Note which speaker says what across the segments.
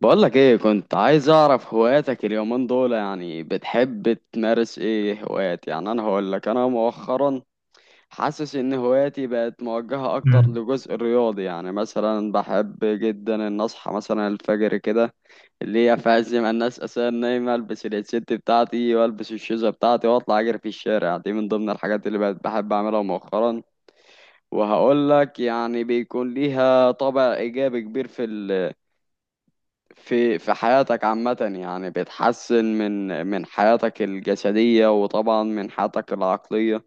Speaker 1: بقولك ايه، كنت عايز اعرف هواياتك اليومين دول. يعني بتحب تمارس ايه هوايات؟ يعني انا هقولك، انا مؤخرا حاسس ان هواياتي بقت موجهة اكتر
Speaker 2: امم
Speaker 1: لجزء الرياضي. يعني مثلا بحب جدا ان اصحى مثلا الفجر كده، اللي هي في عز ما الناس اساسا نايمة، البس الست بتاعتي والبس الشوزة بتاعتي واطلع اجري في الشارع. دي من ضمن الحاجات اللي بقت بحب اعملها مؤخرا. وهقول لك يعني بيكون ليها طابع ايجابي كبير في حياتك عامة. يعني بتحسن من حياتك الجسدية وطبعا من حياتك العقلية.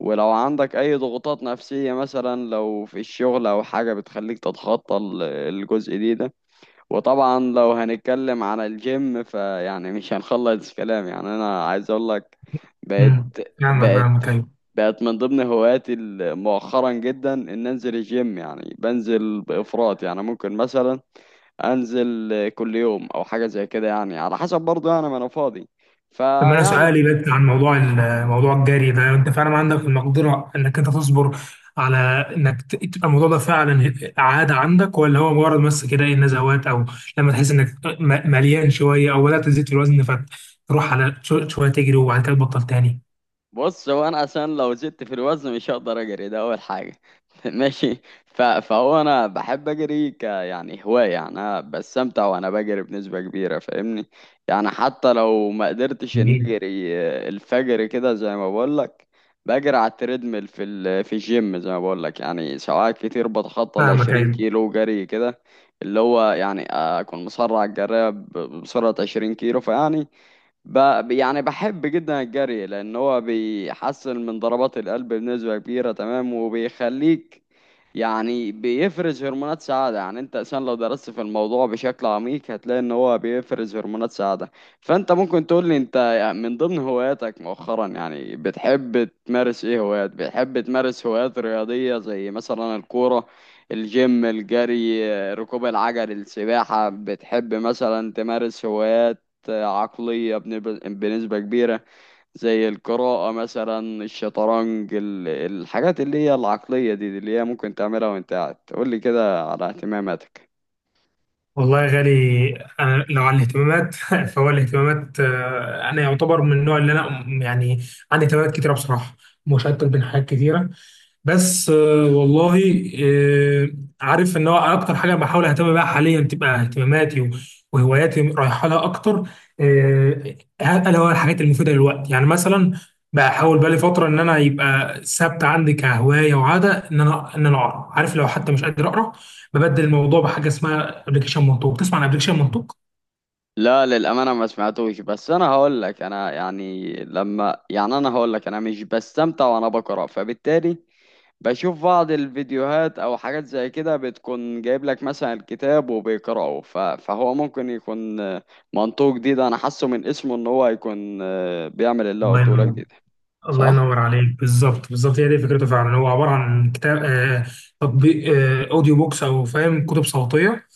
Speaker 1: ولو عندك أي ضغوطات نفسية، مثلا لو في الشغل أو حاجة، بتخليك تتخطى الجزء دي ده. وطبعا لو هنتكلم عن الجيم، فيعني مش هنخلص كلام. يعني أنا عايز أقول لك، بقت
Speaker 2: امم فاهمك
Speaker 1: بقت
Speaker 2: فاهمك، ايوه.
Speaker 1: بقت من ضمن هواياتي مؤخرا جدا إن أنزل الجيم. يعني بنزل بإفراط، يعني ممكن مثلا انزل كل يوم او حاجه زي كده، يعني على حسب برضه، يعني ما انا فاضي.
Speaker 2: طب انا
Speaker 1: فيعني
Speaker 2: سؤالي بس عن موضوع موضوع الجري ده. انت فعلا عندك المقدره انك انت تصبر على انك تبقى الموضوع ده فعلا عاده عندك، ولا هو مجرد بس كده ايه، نزوات، او لما تحس انك مليان شويه او بدات تزيد في الوزن فتروح على شويه تجري وبعد كده تبطل تاني؟
Speaker 1: بص، هو انا عشان لو زدت في الوزن مش هقدر اجري. ده اول حاجه. ماشي. فهو انا بحب اجري يعني هوايه، يعني انا بستمتع وانا بجري بنسبه كبيره، فاهمني؟ يعني حتى لو ما قدرتش ان
Speaker 2: جميل،
Speaker 1: اجري الفجر كده زي ما بقول لك، بجري على التريدميل في الجيم زي ما بقول لك. يعني ساعات كتير بتخطى ال
Speaker 2: فاهمك،
Speaker 1: 20
Speaker 2: ايوه.
Speaker 1: كيلو جري كده، اللي هو يعني اكون مسرع الجري بسرعه 20 كيلو. فيعني ب... يعني بحب جدا الجري لان هو بيحسن من ضربات القلب بنسبة كبيرة، تمام؟ وبيخليك يعني بيفرز هرمونات سعادة. يعني انت عشان لو درست في الموضوع بشكل عميق هتلاقي ان هو بيفرز هرمونات سعادة. فانت ممكن تقول لي، انت من ضمن هواياتك مؤخرا يعني بتحب تمارس ايه هوايات؟ بتحب تمارس هوايات رياضية زي مثلا الكورة، الجيم، الجري، ركوب العجل، السباحة؟ بتحب مثلا تمارس هوايات عقلية بنسبة كبيرة زي القراءة مثلا، الشطرنج، الحاجات اللي هي العقلية دي، دي اللي هي ممكن تعملها وانت قاعد؟ قول لي كده على اهتماماتك.
Speaker 2: والله يا غالي، أنا لو عن الاهتمامات فهو الاهتمامات، آه، أنا يعتبر من النوع اللي أنا يعني عندي اهتمامات كتيرة بصراحة، مشتت بين حاجات كتيرة. بس آه، والله آه، عارف إن هو أكتر حاجة بحاول أهتم بيها حاليا تبقى اهتماماتي وهواياتي رايحة لها أكتر. آه، ألا هو الحاجات المفيدة للوقت. يعني مثلا بحاول بقالي فترة إن أنا يبقى ثابتة عندي كهواية وعادة إن أنا إن أنا أقرأ. عارف، لو حتى مش قادر أقرأ ببدل الموضوع بحاجه اسمها ابلكيشن منطوق. تسمع عن ابلكيشن منطوق؟
Speaker 1: لا، للأمانة ما سمعتوش. بس أنا هقول لك، أنا يعني لما، يعني أنا هقول لك، أنا مش بستمتع وأنا بقرأ، فبالتالي بشوف بعض الفيديوهات او حاجات زي كده بتكون جايب لك مثلا الكتاب وبيقرأه. فهو ممكن يكون منطوق جديد. انا حاسه من اسمه ان هو هيكون بيعمل اللي هو
Speaker 2: الله
Speaker 1: قلته لك
Speaker 2: ينور،
Speaker 1: جديد.
Speaker 2: الله
Speaker 1: صح.
Speaker 2: ينور عليك. بالظبط، بالظبط، هي دي فكرته فعلا. هو عباره عن كتاب، آه، تطبيق، آه، اوديو بوكس، او فاهم، كتب صوتيه.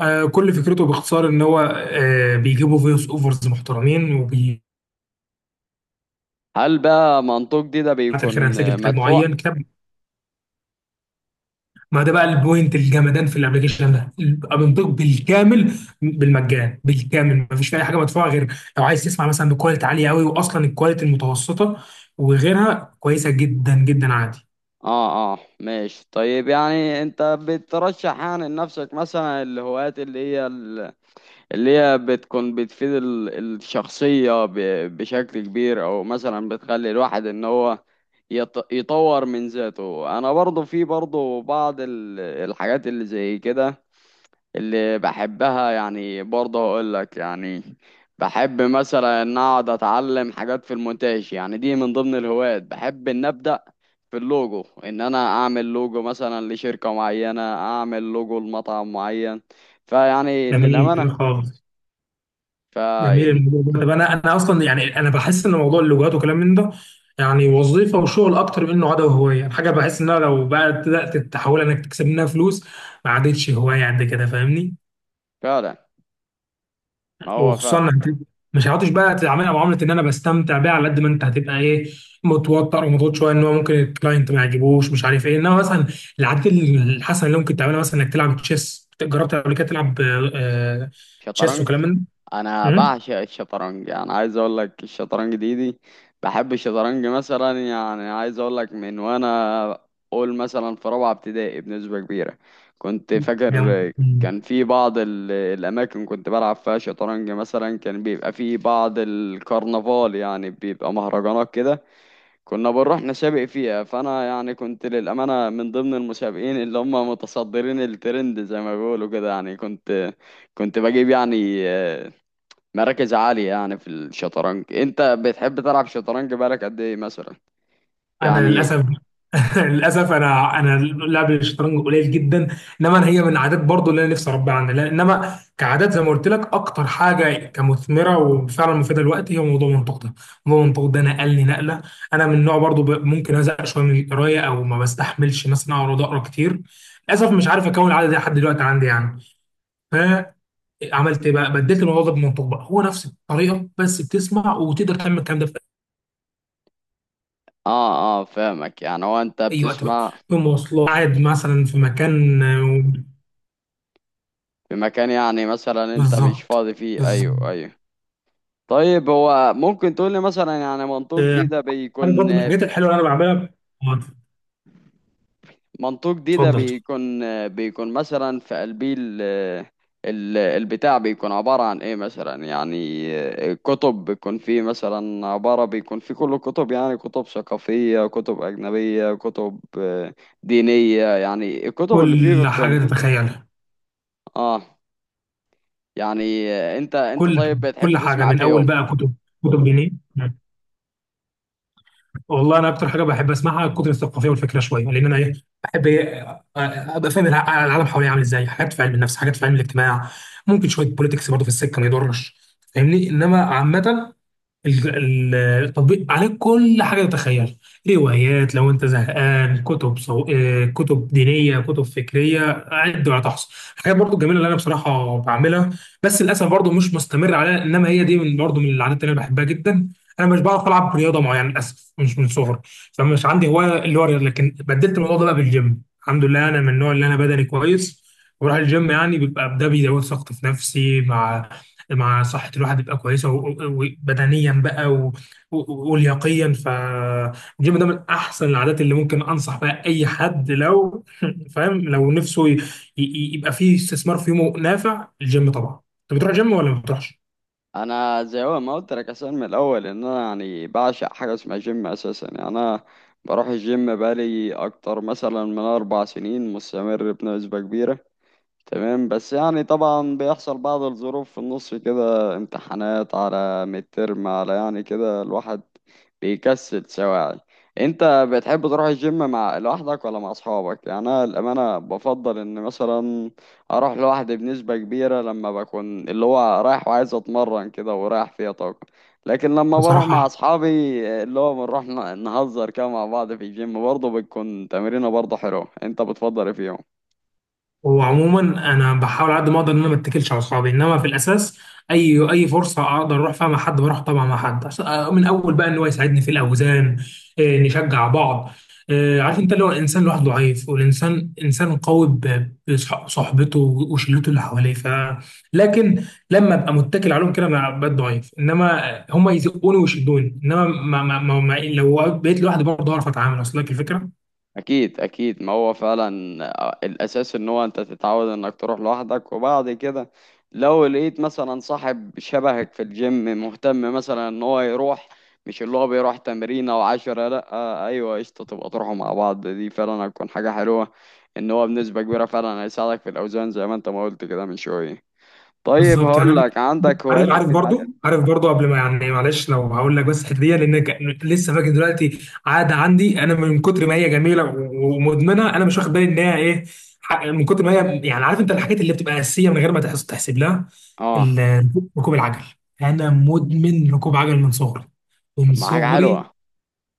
Speaker 2: آه، كل فكرته باختصار ان هو آه بيجيبوا فويس اوفرز محترمين وبي
Speaker 1: هل بقى منطوق دي ده
Speaker 2: بعد الخير
Speaker 1: بيكون
Speaker 2: هنسجل كتاب
Speaker 1: مدفوع؟
Speaker 2: معين. كتاب، ما ده بقى البوينت الجمدان في الابلكيشن ده. بيبقى بينطق بالكامل بالمجان، بالكامل ما فيش فيه اي حاجه مدفوعه، غير لو عايز تسمع مثلا بكواليتي عاليه قوي، واصلا الكواليتي المتوسطه وغيرها كويسه جدا جدا عادي.
Speaker 1: اه اه ماشي. طيب يعني انت بترشح يعني لنفسك مثلا الهوايات اللي هي بتكون بتفيد الشخصية بشكل كبير، أو مثلا بتخلي الواحد إن هو يطور من ذاته؟ أنا برضو في برضو بعض الحاجات اللي زي كده اللي بحبها. يعني برضو أقولك، يعني بحب مثلا إن أقعد أتعلم حاجات في المونتاج. يعني دي من ضمن الهوايات، بحب إن أبدأ في اللوجو، إن أنا أعمل لوجو مثلا لشركة معينة، أعمل لوجو لمطعم معين. فيعني
Speaker 2: جميل،
Speaker 1: للأمانة
Speaker 2: جميل خالص، جميل
Speaker 1: فعل
Speaker 2: الموضوع ده. طب انا اصلا يعني انا بحس ان موضوع اللغات وكلام من ده يعني وظيفه وشغل اكتر من انه عاده وهوايه. يعني حاجه بحس انها لو بقى بدات تحاول انك تكسب منها فلوس ما عادتش هوايه قد كده، فاهمني؟
Speaker 1: فعلا، ما هو فعلا
Speaker 2: وخصوصا مش هتعرفش بقى تعاملها معامله ان انا بستمتع بيها على قد ما انت هتبقى ايه، متوتر ومضغوط شويه ان هو ممكن الكلاينت ما يعجبوش، مش عارف ايه. انما مثلا العادات الحسنه اللي ممكن تعملها مثلا انك تلعب تشيس. جربت قبل كده تلعب آه، آه، تشيس
Speaker 1: شطرنج.
Speaker 2: وكلام من ده؟
Speaker 1: انا
Speaker 2: مم؟
Speaker 1: بعشق الشطرنج، يعني عايز اقول لك الشطرنج دي دي بحب الشطرنج مثلا. يعني عايز اقول لك، من وانا اقول مثلا في رابعه ابتدائي بنسبه كبيره كنت
Speaker 2: جامد.
Speaker 1: فاكر
Speaker 2: مم.
Speaker 1: كان في بعض الاماكن كنت بلعب فيها شطرنج. مثلا كان بيبقى في بعض الكرنفال، يعني بيبقى مهرجانات كده، كنا بنروح نسابق فيها. فانا يعني كنت للامانه من ضمن المسابقين اللي هم متصدرين الترند زي ما بيقولوا كده. يعني كنت كنت بجيب يعني مراكز عاليه يعني في الشطرنج. انت بتحب تلعب شطرنج بقالك قد ايه مثلا؟
Speaker 2: انا
Speaker 1: يعني
Speaker 2: للاسف للاسف انا لعب الشطرنج قليل جدا. انما أنا هي من عادات برضو اللي انا نفسي اربيها عندي انما كعادات زي ما قلت لك اكتر حاجه كمثمره وفعلا مفيده دلوقتي هي موضوع المنطق ده. موضوع المنطق ده نقلني نقله. انا من نوع برضو ممكن ازهق شويه من القرايه او ما بستحملش مثلا اقعد اقرا كتير، للاسف مش عارف اكون العاده دي لحد دلوقتي عندي يعني. فعملت ايه بقى؟ بدلت الموضوع ده بالمنطق بقى. هو نفس الطريقه بس بتسمع، وتقدر تعمل الكلام ده في
Speaker 1: اه اه فاهمك. يعني هو انت
Speaker 2: اي وقت بقى،
Speaker 1: بتسمع
Speaker 2: في مواصلات، قاعد مثلا في مكان.
Speaker 1: في مكان، يعني مثلا انت مش
Speaker 2: بالظبط،
Speaker 1: فاضي فيه؟
Speaker 2: بالظبط.
Speaker 1: ايوه ايوه. طيب هو ممكن تقول لي مثلا، يعني
Speaker 2: آه، عارف برضه من الحاجات الحلوه اللي انا بعملها. آه،
Speaker 1: منطوق دي ده
Speaker 2: اتفضل، اتفضل.
Speaker 1: بيكون بيكون مثلا في قلبي البتاع بيكون عبارة عن ايه مثلا؟ يعني كتب، بيكون فيه مثلا عبارة، بيكون فيه كل كتب، يعني كتب ثقافية، كتب أجنبية، كتب دينية؟ يعني الكتب اللي فيه
Speaker 2: كل حاجه
Speaker 1: بيكون.
Speaker 2: تتخيلها.
Speaker 1: اه. يعني انت انت
Speaker 2: كل
Speaker 1: طيب
Speaker 2: كل
Speaker 1: بتحب
Speaker 2: حاجه،
Speaker 1: تسمع
Speaker 2: من اول
Speaker 1: فيهم؟
Speaker 2: بقى كتب، كتب دينيه. والله انا اكتر حاجه بحب اسمعها الكتب الثقافيه والفكره شويه، لان انا ايه، بحب ايه آه، آه، ابقى فاهم العالم حواليا عامل ازاي، حاجات في علم النفس، حاجات في علم الاجتماع، ممكن شويه بوليتكس برضه في السكه ما يضرش، فاهمني. انما عامه التطبيق عليه كل حاجه تتخيل: روايات لو انت زهقان، آه، كتب دينيه، كتب فكريه، عد ولا تحصى. حاجات برضو جميله اللي انا بصراحه بعملها، بس للاسف برضو مش مستمر عليها. انما هي دي من برضو من العادات اللي انا بحبها جدا. انا مش بعرف العب رياضه معينه للاسف مش من صغري، فمش عندي هوايه اللي هو الرياضة. لكن بدلت الموضوع ده بقى بالجيم. الحمد لله انا من النوع اللي انا بدني كويس وبروح الجيم، يعني بيبقى ده بيزود ثقتي في نفسي، مع مع صحة الواحد تبقى كويسة وبدنيا بقى ولياقيا. فالجيم ده من أحسن العادات اللي ممكن أنصح بها أي حد لو فاهم، لو نفسه يبقى فيه استثمار في يومه نافع الجيم. طبعا أنت بتروح جيم ولا ما بتروحش؟
Speaker 1: انا زي هو ما قلت لك اصلا من الاول، ان انا يعني بعشق حاجه اسمها جيم اساسا. يعني انا بروح الجيم بقالي اكتر مثلا من 4 سنين مستمر بنسبه كبيره، تمام؟ بس يعني طبعا بيحصل بعض الظروف في النص كده، امتحانات على مترم، على يعني كده الواحد بيكسل سواعي. انت بتحب تروح الجيم لوحدك ولا مع اصحابك؟ يعني انا الامانه بفضل ان مثلا اروح لوحدي بنسبه كبيره لما بكون اللي هو رايح وعايز اتمرن كده ورايح فيها طاقه. لكن لما بروح مع
Speaker 2: بصراحة،
Speaker 1: اصحابي اللي هو بنروح نهزر كده مع بعض في الجيم، برضه بتكون تمرينه برضه حلوه. انت بتفضل ايه فيهم؟
Speaker 2: هو عموما انا بحاول على قد ما اقدر ان انا ما اتكلش على اصحابي، انما في الاساس اي فرصه اقدر اروح فيها مع حد بروح، طبعا مع حد عشان، آه، من اول بقى ان هو يساعدني في الاوزان، آه، نشجع بعض، آه، عارف انت لو الانسان لوحده ضعيف، والانسان انسان قوي ب- بصحبته وشلته اللي حواليه، ف لكن لما ابقى متكل عليهم كده انا بقيت ضعيف. انما هم يزقوني ويشدوني، انما ما لو بقيت لوحدي برضه اعرف اتعامل، اصل لك الفكره.
Speaker 1: اكيد اكيد، ما هو فعلا الاساس ان هو انت تتعود انك تروح لوحدك. وبعد كده لو لقيت مثلا صاحب شبهك في الجيم مهتم مثلا ان هو يروح، مش اللي هو بيروح تمرين او عشرة، لا آه ايوه قشطة، تبقى تروحوا مع بعض. دي فعلا هتكون حاجة حلوة، ان هو بنسبة كبيرة فعلا هيساعدك في الاوزان زي ما انت ما قلت كده من شوية. طيب
Speaker 2: بالظبط، يعني
Speaker 1: هقول
Speaker 2: ممكن،
Speaker 1: لك، عندك
Speaker 2: عارف،
Speaker 1: هوايات
Speaker 2: عارف برضو،
Speaker 1: اجتماعية؟
Speaker 2: عارف برضو، قبل ما يعني معلش لو هقول لك بس الحته دي. لان لسه فاكر دلوقتي عاده عندي انا من كتر ما هي جميله و- ومدمنه انا مش واخد بالي ان هي ايه، من كتر ما هي، يعني عارف انت الحاجات اللي بتبقى اساسيه من غير ما تحسب لها.
Speaker 1: اه.
Speaker 2: ال، ركوب العجل. انا مدمن ركوب عجل من صغري، من
Speaker 1: طب ما حاجة
Speaker 2: صغري.
Speaker 1: حلوة.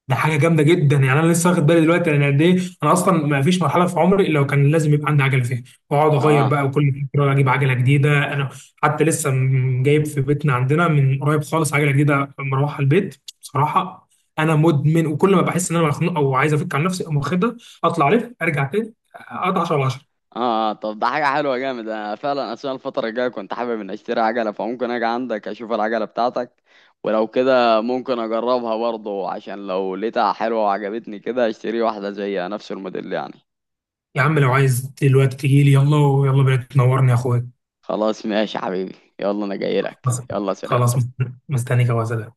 Speaker 2: ده حاجه جامده جدا. يعني انا لسه واخد بالي دلوقتي انا قد ايه، انا اصلا ما فيش مرحله في عمري الا وكان لازم يبقى عندي عجله فيها، واقعد اغير
Speaker 1: اه
Speaker 2: بقى وكل فتره اجيب عجله جديده. انا حتى لسه جايب في بيتنا عندنا من قريب خالص عجله جديده مروحه البيت. بصراحه انا مدمن، وكل ما بحس ان انا مخنوق او عايز افك عن نفسي اقوم واخدها، اطلع الف ارجع تاني اقطع 10 على 10.
Speaker 1: اه طب ده حاجة حلوة جامد. انا فعلا اثناء الفترة الجاية كنت حابب ان اشتري عجلة، فممكن اجي عندك اشوف العجلة بتاعتك، ولو كده ممكن اجربها برضه عشان لو لقيتها حلوة وعجبتني كده اشتري واحدة زيها نفس الموديل يعني.
Speaker 2: يا عم لو عايز دلوقتي تجي لي يلا يلا بينا تنورني يا اخويا.
Speaker 1: خلاص ماشي يا حبيبي، يلا انا جاي لك،
Speaker 2: خلاص،
Speaker 1: يلا سلام.
Speaker 2: خلاص، مستنيك يا وزلاء.